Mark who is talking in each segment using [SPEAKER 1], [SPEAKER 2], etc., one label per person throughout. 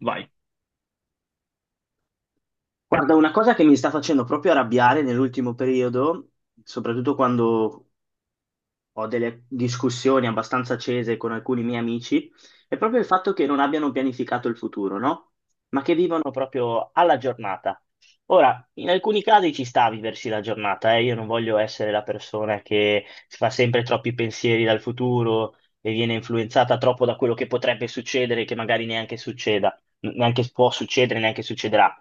[SPEAKER 1] Vai.
[SPEAKER 2] Guarda, una cosa che mi sta facendo proprio arrabbiare nell'ultimo periodo, soprattutto quando ho delle discussioni abbastanza accese con alcuni miei amici, è proprio il fatto che non abbiano pianificato il futuro, no? Ma che vivono proprio alla giornata. Ora, in alcuni casi ci sta a viversi la giornata, eh? Io non voglio essere la persona che si fa sempre troppi pensieri dal futuro e viene influenzata troppo da quello che potrebbe succedere, che magari neanche succeda, neanche può succedere, neanche succederà.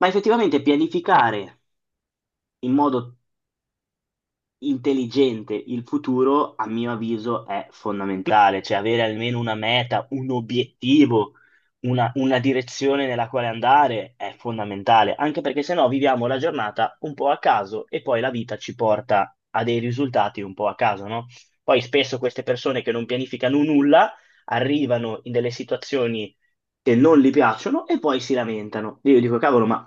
[SPEAKER 2] Ma effettivamente pianificare in modo intelligente il futuro, a mio avviso, è fondamentale, cioè avere almeno una meta, un obiettivo, una direzione nella quale andare è fondamentale, anche perché se no viviamo la giornata un po' a caso e poi la vita ci porta a dei risultati un po' a caso, no? Poi spesso queste persone che non pianificano nulla arrivano in delle situazioni che non gli piacciono e poi si lamentano. Io dico, cavolo, ma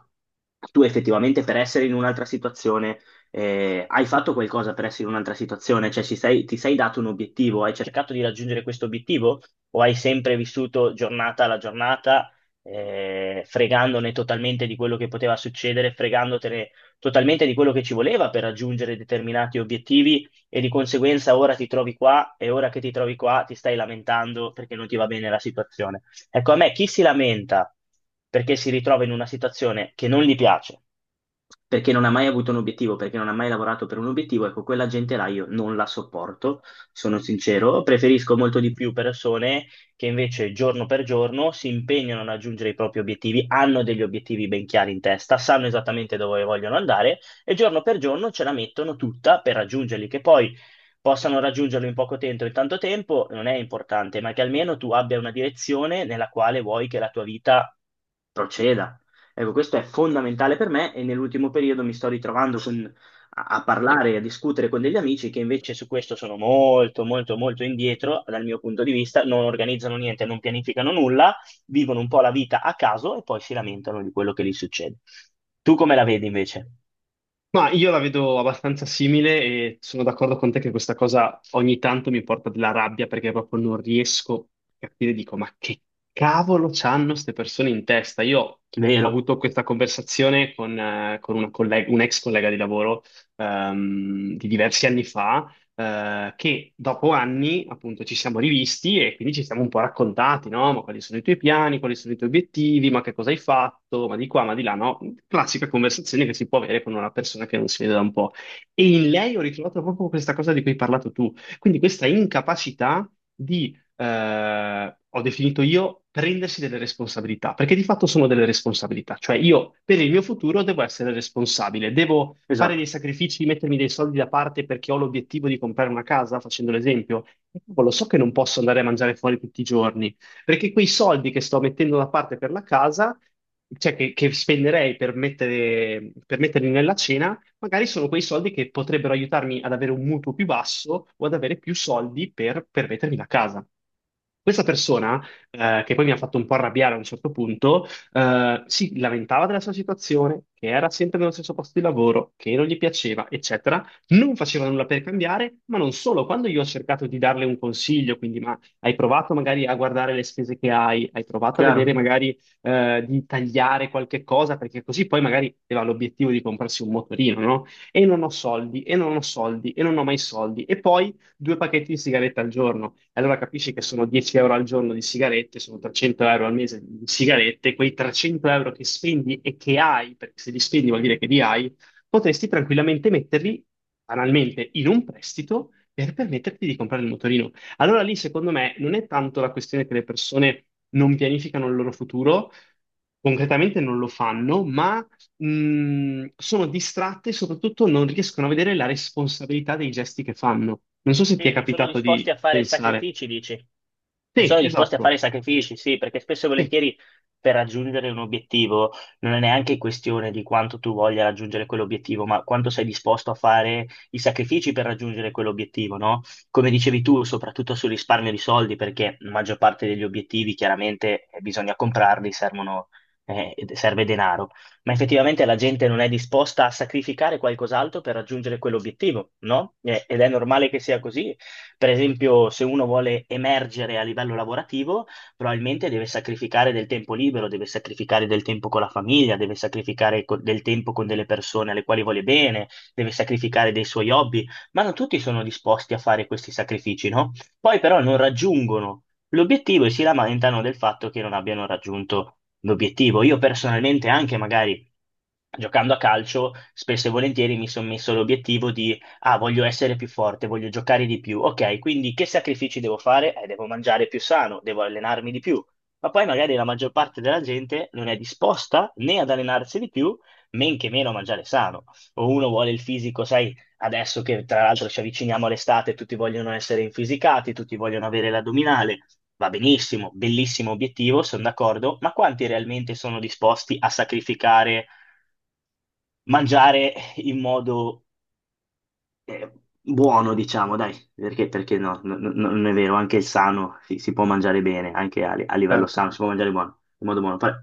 [SPEAKER 2] tu effettivamente per essere in un'altra situazione hai fatto qualcosa per essere in un'altra situazione? Cioè, ti sei dato un obiettivo? Hai cercato di raggiungere questo obiettivo? O hai sempre vissuto giornata alla giornata, fregandone totalmente di quello che poteva succedere, fregandotene totalmente di quello che ci voleva per raggiungere determinati obiettivi e di conseguenza ora ti trovi qua e ora che ti trovi qua ti stai lamentando perché non ti va bene la situazione. Ecco, a me chi si lamenta perché si ritrova in una situazione che non gli piace, perché non ha mai avuto un obiettivo, perché non ha mai lavorato per un obiettivo, ecco, quella gente là io non la sopporto, sono sincero, preferisco molto di più persone che invece giorno per giorno si impegnano a raggiungere i propri obiettivi, hanno degli obiettivi ben chiari in testa, sanno esattamente dove vogliono andare e giorno per giorno ce la mettono tutta per raggiungerli, che poi possano raggiungerlo in poco tempo o in tanto tempo non è importante, ma che almeno tu abbia una direzione nella quale vuoi che la tua vita proceda. Ecco, questo è fondamentale per me e nell'ultimo periodo mi sto ritrovando a parlare e a discutere con degli amici che invece su questo sono molto, molto, molto indietro dal mio punto di vista, non organizzano niente, non pianificano nulla, vivono un po' la vita a caso e poi si lamentano di quello che gli succede. Tu come la vedi invece?
[SPEAKER 1] Ma io la vedo abbastanza simile e sono d'accordo con te che questa cosa ogni tanto mi porta della rabbia perché proprio non riesco a capire, dico, ma che cavolo c'hanno queste persone in testa? Io ho
[SPEAKER 2] Vero,
[SPEAKER 1] avuto questa conversazione con una un ex collega di lavoro, di diversi anni fa, che dopo anni appunto ci siamo rivisti e quindi ci siamo un po' raccontati, no? Ma quali sono i tuoi piani, quali sono i tuoi obiettivi, ma che cosa hai fatto, ma di qua, ma di là, no? Classica conversazione che si può avere con una persona che non si vede da un po'. E in lei ho ritrovato proprio questa cosa di cui hai parlato tu, quindi questa incapacità di, ho definito io, prendersi delle responsabilità, perché di fatto sono delle responsabilità, cioè io per il mio futuro devo essere responsabile, devo fare dei
[SPEAKER 2] esatto,
[SPEAKER 1] sacrifici, mettermi dei soldi da parte perché ho l'obiettivo di comprare una casa, facendo l'esempio. E cavolo, so che non posso andare a mangiare fuori tutti i giorni, perché quei soldi che sto mettendo da parte per la casa, cioè che spenderei per per metterli nella cena, magari sono quei soldi che potrebbero aiutarmi ad avere un mutuo più basso o ad avere più soldi per permettermi la casa. Questa persona, che poi mi ha fatto un po' arrabbiare a un certo punto, si lamentava della sua situazione, che era sempre nello stesso posto di lavoro, che non gli piaceva, eccetera. Non faceva nulla per cambiare, ma non solo. Quando io ho cercato di darle un consiglio, quindi ma hai provato magari a guardare le spese che hai, hai provato a vedere
[SPEAKER 2] chiaro.
[SPEAKER 1] magari, di tagliare qualche cosa, perché così poi magari aveva l'obiettivo di comprarsi un motorino, no? E non ho soldi, e non ho soldi, e non ho mai soldi. E poi due pacchetti di sigarette al giorno. E allora capisci che sono 10 euro al giorno di sigarette, sono 300 euro al mese di sigarette, quei 300 euro che spendi e che hai, perché se li spendi vuol dire che li hai, potresti tranquillamente metterli, banalmente, in un prestito per permetterti di comprare il motorino. Allora lì, secondo me, non è tanto la questione che le persone non pianificano il loro futuro, concretamente non lo fanno, ma sono distratte e soprattutto non riescono a vedere la responsabilità dei gesti che fanno. Non so se ti
[SPEAKER 2] Sì,
[SPEAKER 1] è
[SPEAKER 2] non sono
[SPEAKER 1] capitato
[SPEAKER 2] disposti
[SPEAKER 1] di
[SPEAKER 2] a fare
[SPEAKER 1] pensare.
[SPEAKER 2] sacrifici, dici? Non
[SPEAKER 1] Sì,
[SPEAKER 2] sono disposti a fare
[SPEAKER 1] esatto.
[SPEAKER 2] sacrifici, sì, perché spesso e
[SPEAKER 1] Sì,
[SPEAKER 2] volentieri per raggiungere un obiettivo non è neanche questione di quanto tu voglia raggiungere quell'obiettivo, ma quanto sei disposto a fare i sacrifici per raggiungere quell'obiettivo, no? Come dicevi tu, soprattutto sul risparmio di soldi, perché la maggior parte degli obiettivi chiaramente bisogna comprarli, servono, serve denaro, ma effettivamente la gente non è disposta a sacrificare qualcos'altro per raggiungere quell'obiettivo, no? Ed è normale che sia così per esempio, se uno vuole emergere a livello lavorativo, probabilmente deve sacrificare del tempo libero, deve sacrificare del tempo con la famiglia, deve sacrificare del tempo con delle persone alle quali vuole bene, deve sacrificare dei suoi hobby, ma non tutti sono disposti a fare questi sacrifici, no? Poi però non raggiungono l'obiettivo e si lamentano del fatto che non abbiano raggiunto l'obiettivo. Io personalmente anche magari giocando a calcio, spesso e volentieri mi sono messo l'obiettivo di, ah, voglio essere più forte, voglio giocare di più. Ok, quindi che sacrifici devo fare? Devo mangiare più sano, devo allenarmi di più. Ma poi magari la maggior parte della gente non è disposta né ad allenarsi di più, men che meno a mangiare sano. O uno vuole il fisico, sai, adesso che tra l'altro ci avviciniamo all'estate, tutti vogliono essere infisicati, tutti vogliono avere l'addominale. Va benissimo, bellissimo obiettivo, sono d'accordo, ma quanti realmente sono disposti a sacrificare? Mangiare in modo eh, buono, diciamo, dai, perché, perché no, no, non è vero, anche il sano si può mangiare bene, anche a livello
[SPEAKER 1] certo.
[SPEAKER 2] sano si può mangiare buono, in modo buono. Però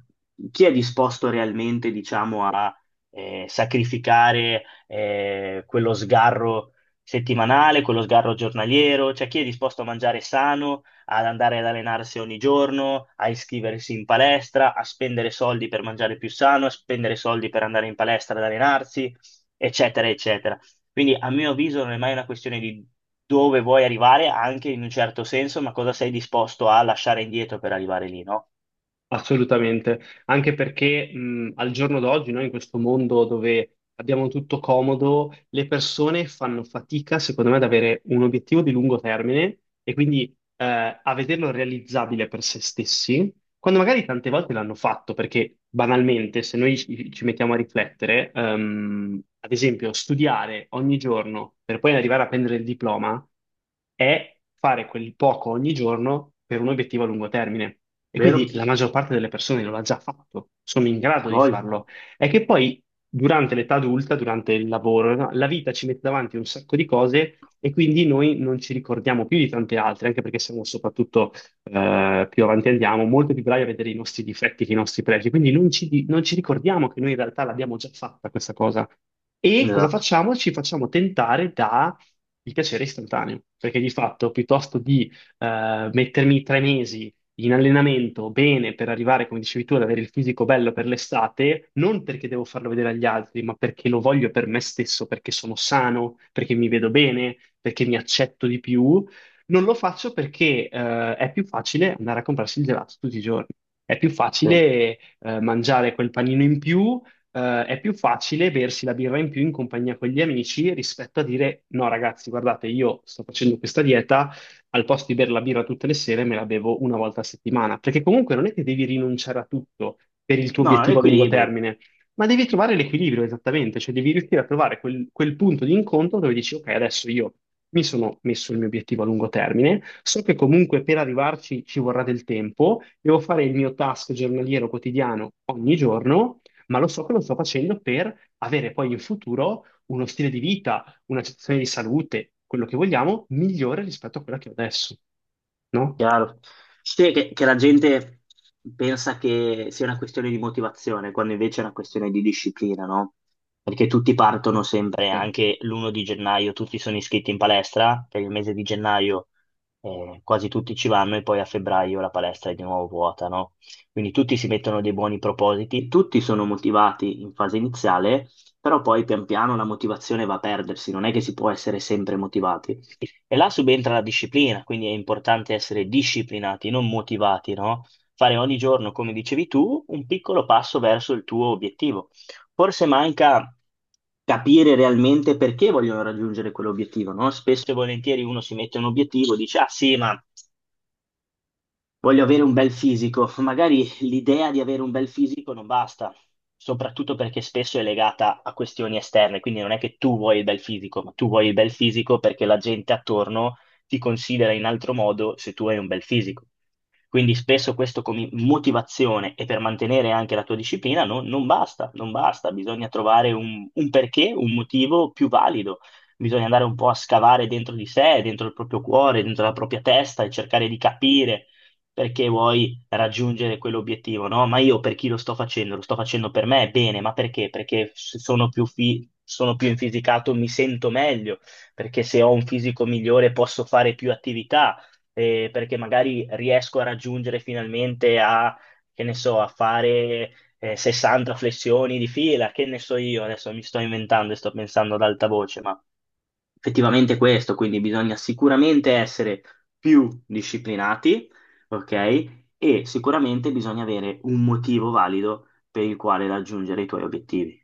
[SPEAKER 2] chi è disposto realmente, diciamo, a sacrificare quello sgarro settimanale, quello sgarro giornaliero? Cioè chi è disposto a mangiare sano, ad andare ad allenarsi ogni giorno, a iscriversi in palestra, a spendere soldi per mangiare più sano, a spendere soldi per andare in palestra ad allenarsi? Eccetera, eccetera. Quindi a mio avviso non è mai una questione di dove vuoi arrivare, anche in un certo senso, ma cosa sei disposto a lasciare indietro per arrivare lì, no?
[SPEAKER 1] Assolutamente, anche perché al giorno d'oggi, noi in questo mondo dove abbiamo tutto comodo, le persone fanno fatica, secondo me, ad avere un obiettivo di lungo termine e quindi, a vederlo realizzabile per se stessi, quando magari tante volte l'hanno fatto, perché banalmente, se noi ci mettiamo a riflettere, ad esempio, studiare ogni giorno per poi arrivare a prendere il diploma è fare quel poco ogni giorno per un obiettivo a lungo termine. E quindi
[SPEAKER 2] Vero?
[SPEAKER 1] la maggior parte delle persone lo ha già fatto, sono in
[SPEAKER 2] A
[SPEAKER 1] grado di
[SPEAKER 2] voglia.
[SPEAKER 1] farlo. È che poi durante l'età adulta, durante il lavoro, no, la vita ci mette davanti un sacco di cose e quindi noi non ci ricordiamo più di tante altre, anche perché siamo soprattutto, più avanti andiamo, molto più bravi a vedere i nostri difetti che i nostri pregi. Quindi non ci ricordiamo che noi in realtà l'abbiamo già fatta questa cosa. E cosa
[SPEAKER 2] Esatto.
[SPEAKER 1] facciamo? Ci facciamo tentare, il piacere è istantaneo, perché di fatto piuttosto di, mettermi 3 mesi in allenamento bene per arrivare, come dicevi tu, ad avere il fisico bello per l'estate, non perché devo farlo vedere agli altri, ma perché lo voglio per me stesso, perché sono sano, perché mi vedo bene, perché mi accetto di più, non lo faccio perché è più facile andare a comprarsi il gelato tutti i giorni. È più
[SPEAKER 2] Sì.
[SPEAKER 1] facile mangiare quel panino in più, è più facile bersi la birra in più in compagnia con gli amici rispetto a dire no, ragazzi, guardate, io sto facendo questa dieta, al posto di bere la birra tutte le sere me la bevo una volta a settimana, perché comunque non è che devi rinunciare a tutto per il tuo
[SPEAKER 2] No,
[SPEAKER 1] obiettivo a lungo
[SPEAKER 2] equilibrio.
[SPEAKER 1] termine, ma devi trovare l'equilibrio esattamente, cioè devi riuscire a trovare quel punto di incontro dove dici, ok, adesso io mi sono messo il mio obiettivo a lungo termine, so che comunque per arrivarci ci vorrà del tempo, devo fare il mio task giornaliero quotidiano ogni giorno, ma lo so che lo sto facendo per avere poi in futuro uno stile di vita, una situazione di salute, quello che vogliamo, migliore rispetto a quella che ho adesso, no?
[SPEAKER 2] Chiaro. Sì, che la gente pensa che sia una questione di motivazione, quando invece è una questione di disciplina, no? Perché tutti partono sempre,
[SPEAKER 1] Sì.
[SPEAKER 2] anche l'uno di gennaio, tutti sono iscritti in palestra, per il mese di gennaio quasi tutti ci vanno e poi a febbraio la palestra è di nuovo vuota, no? Quindi tutti si mettono dei buoni propositi, tutti sono motivati in fase iniziale, però poi pian piano la motivazione va a perdersi, non è che si può essere sempre motivati. E là subentra la disciplina, quindi è importante essere disciplinati, non motivati, no? Fare ogni giorno, come dicevi tu, un piccolo passo verso il tuo obiettivo. Forse manca capire realmente perché vogliono raggiungere quell'obiettivo, no? Spesso e volentieri uno si mette un obiettivo, dice, ah sì, ma voglio avere un bel fisico. Magari l'idea di avere un bel fisico non basta, soprattutto perché spesso è legata a questioni esterne, quindi non è che tu vuoi il bel fisico, ma tu vuoi il bel fisico perché la gente attorno ti considera in altro modo se tu hai un bel fisico. Quindi spesso questo come motivazione e per mantenere anche la tua disciplina non basta, non basta, bisogna trovare un perché, un motivo più valido. Bisogna andare un po' a scavare dentro di sé, dentro il proprio cuore, dentro la propria testa e cercare di capire perché vuoi raggiungere quell'obiettivo, no? Ma io per chi lo sto facendo? Lo sto facendo per me, bene, ma perché? Perché se sono più, sono più infisicato, mi sento meglio, perché se ho un fisico migliore posso fare più attività, perché magari riesco a raggiungere finalmente a, che ne so, a fare... 60 flessioni di fila, che ne so io, adesso mi sto inventando e sto pensando ad alta voce, ma effettivamente questo, quindi bisogna sicuramente essere più disciplinati, ok? E sicuramente bisogna avere un motivo valido per il quale raggiungere i tuoi obiettivi.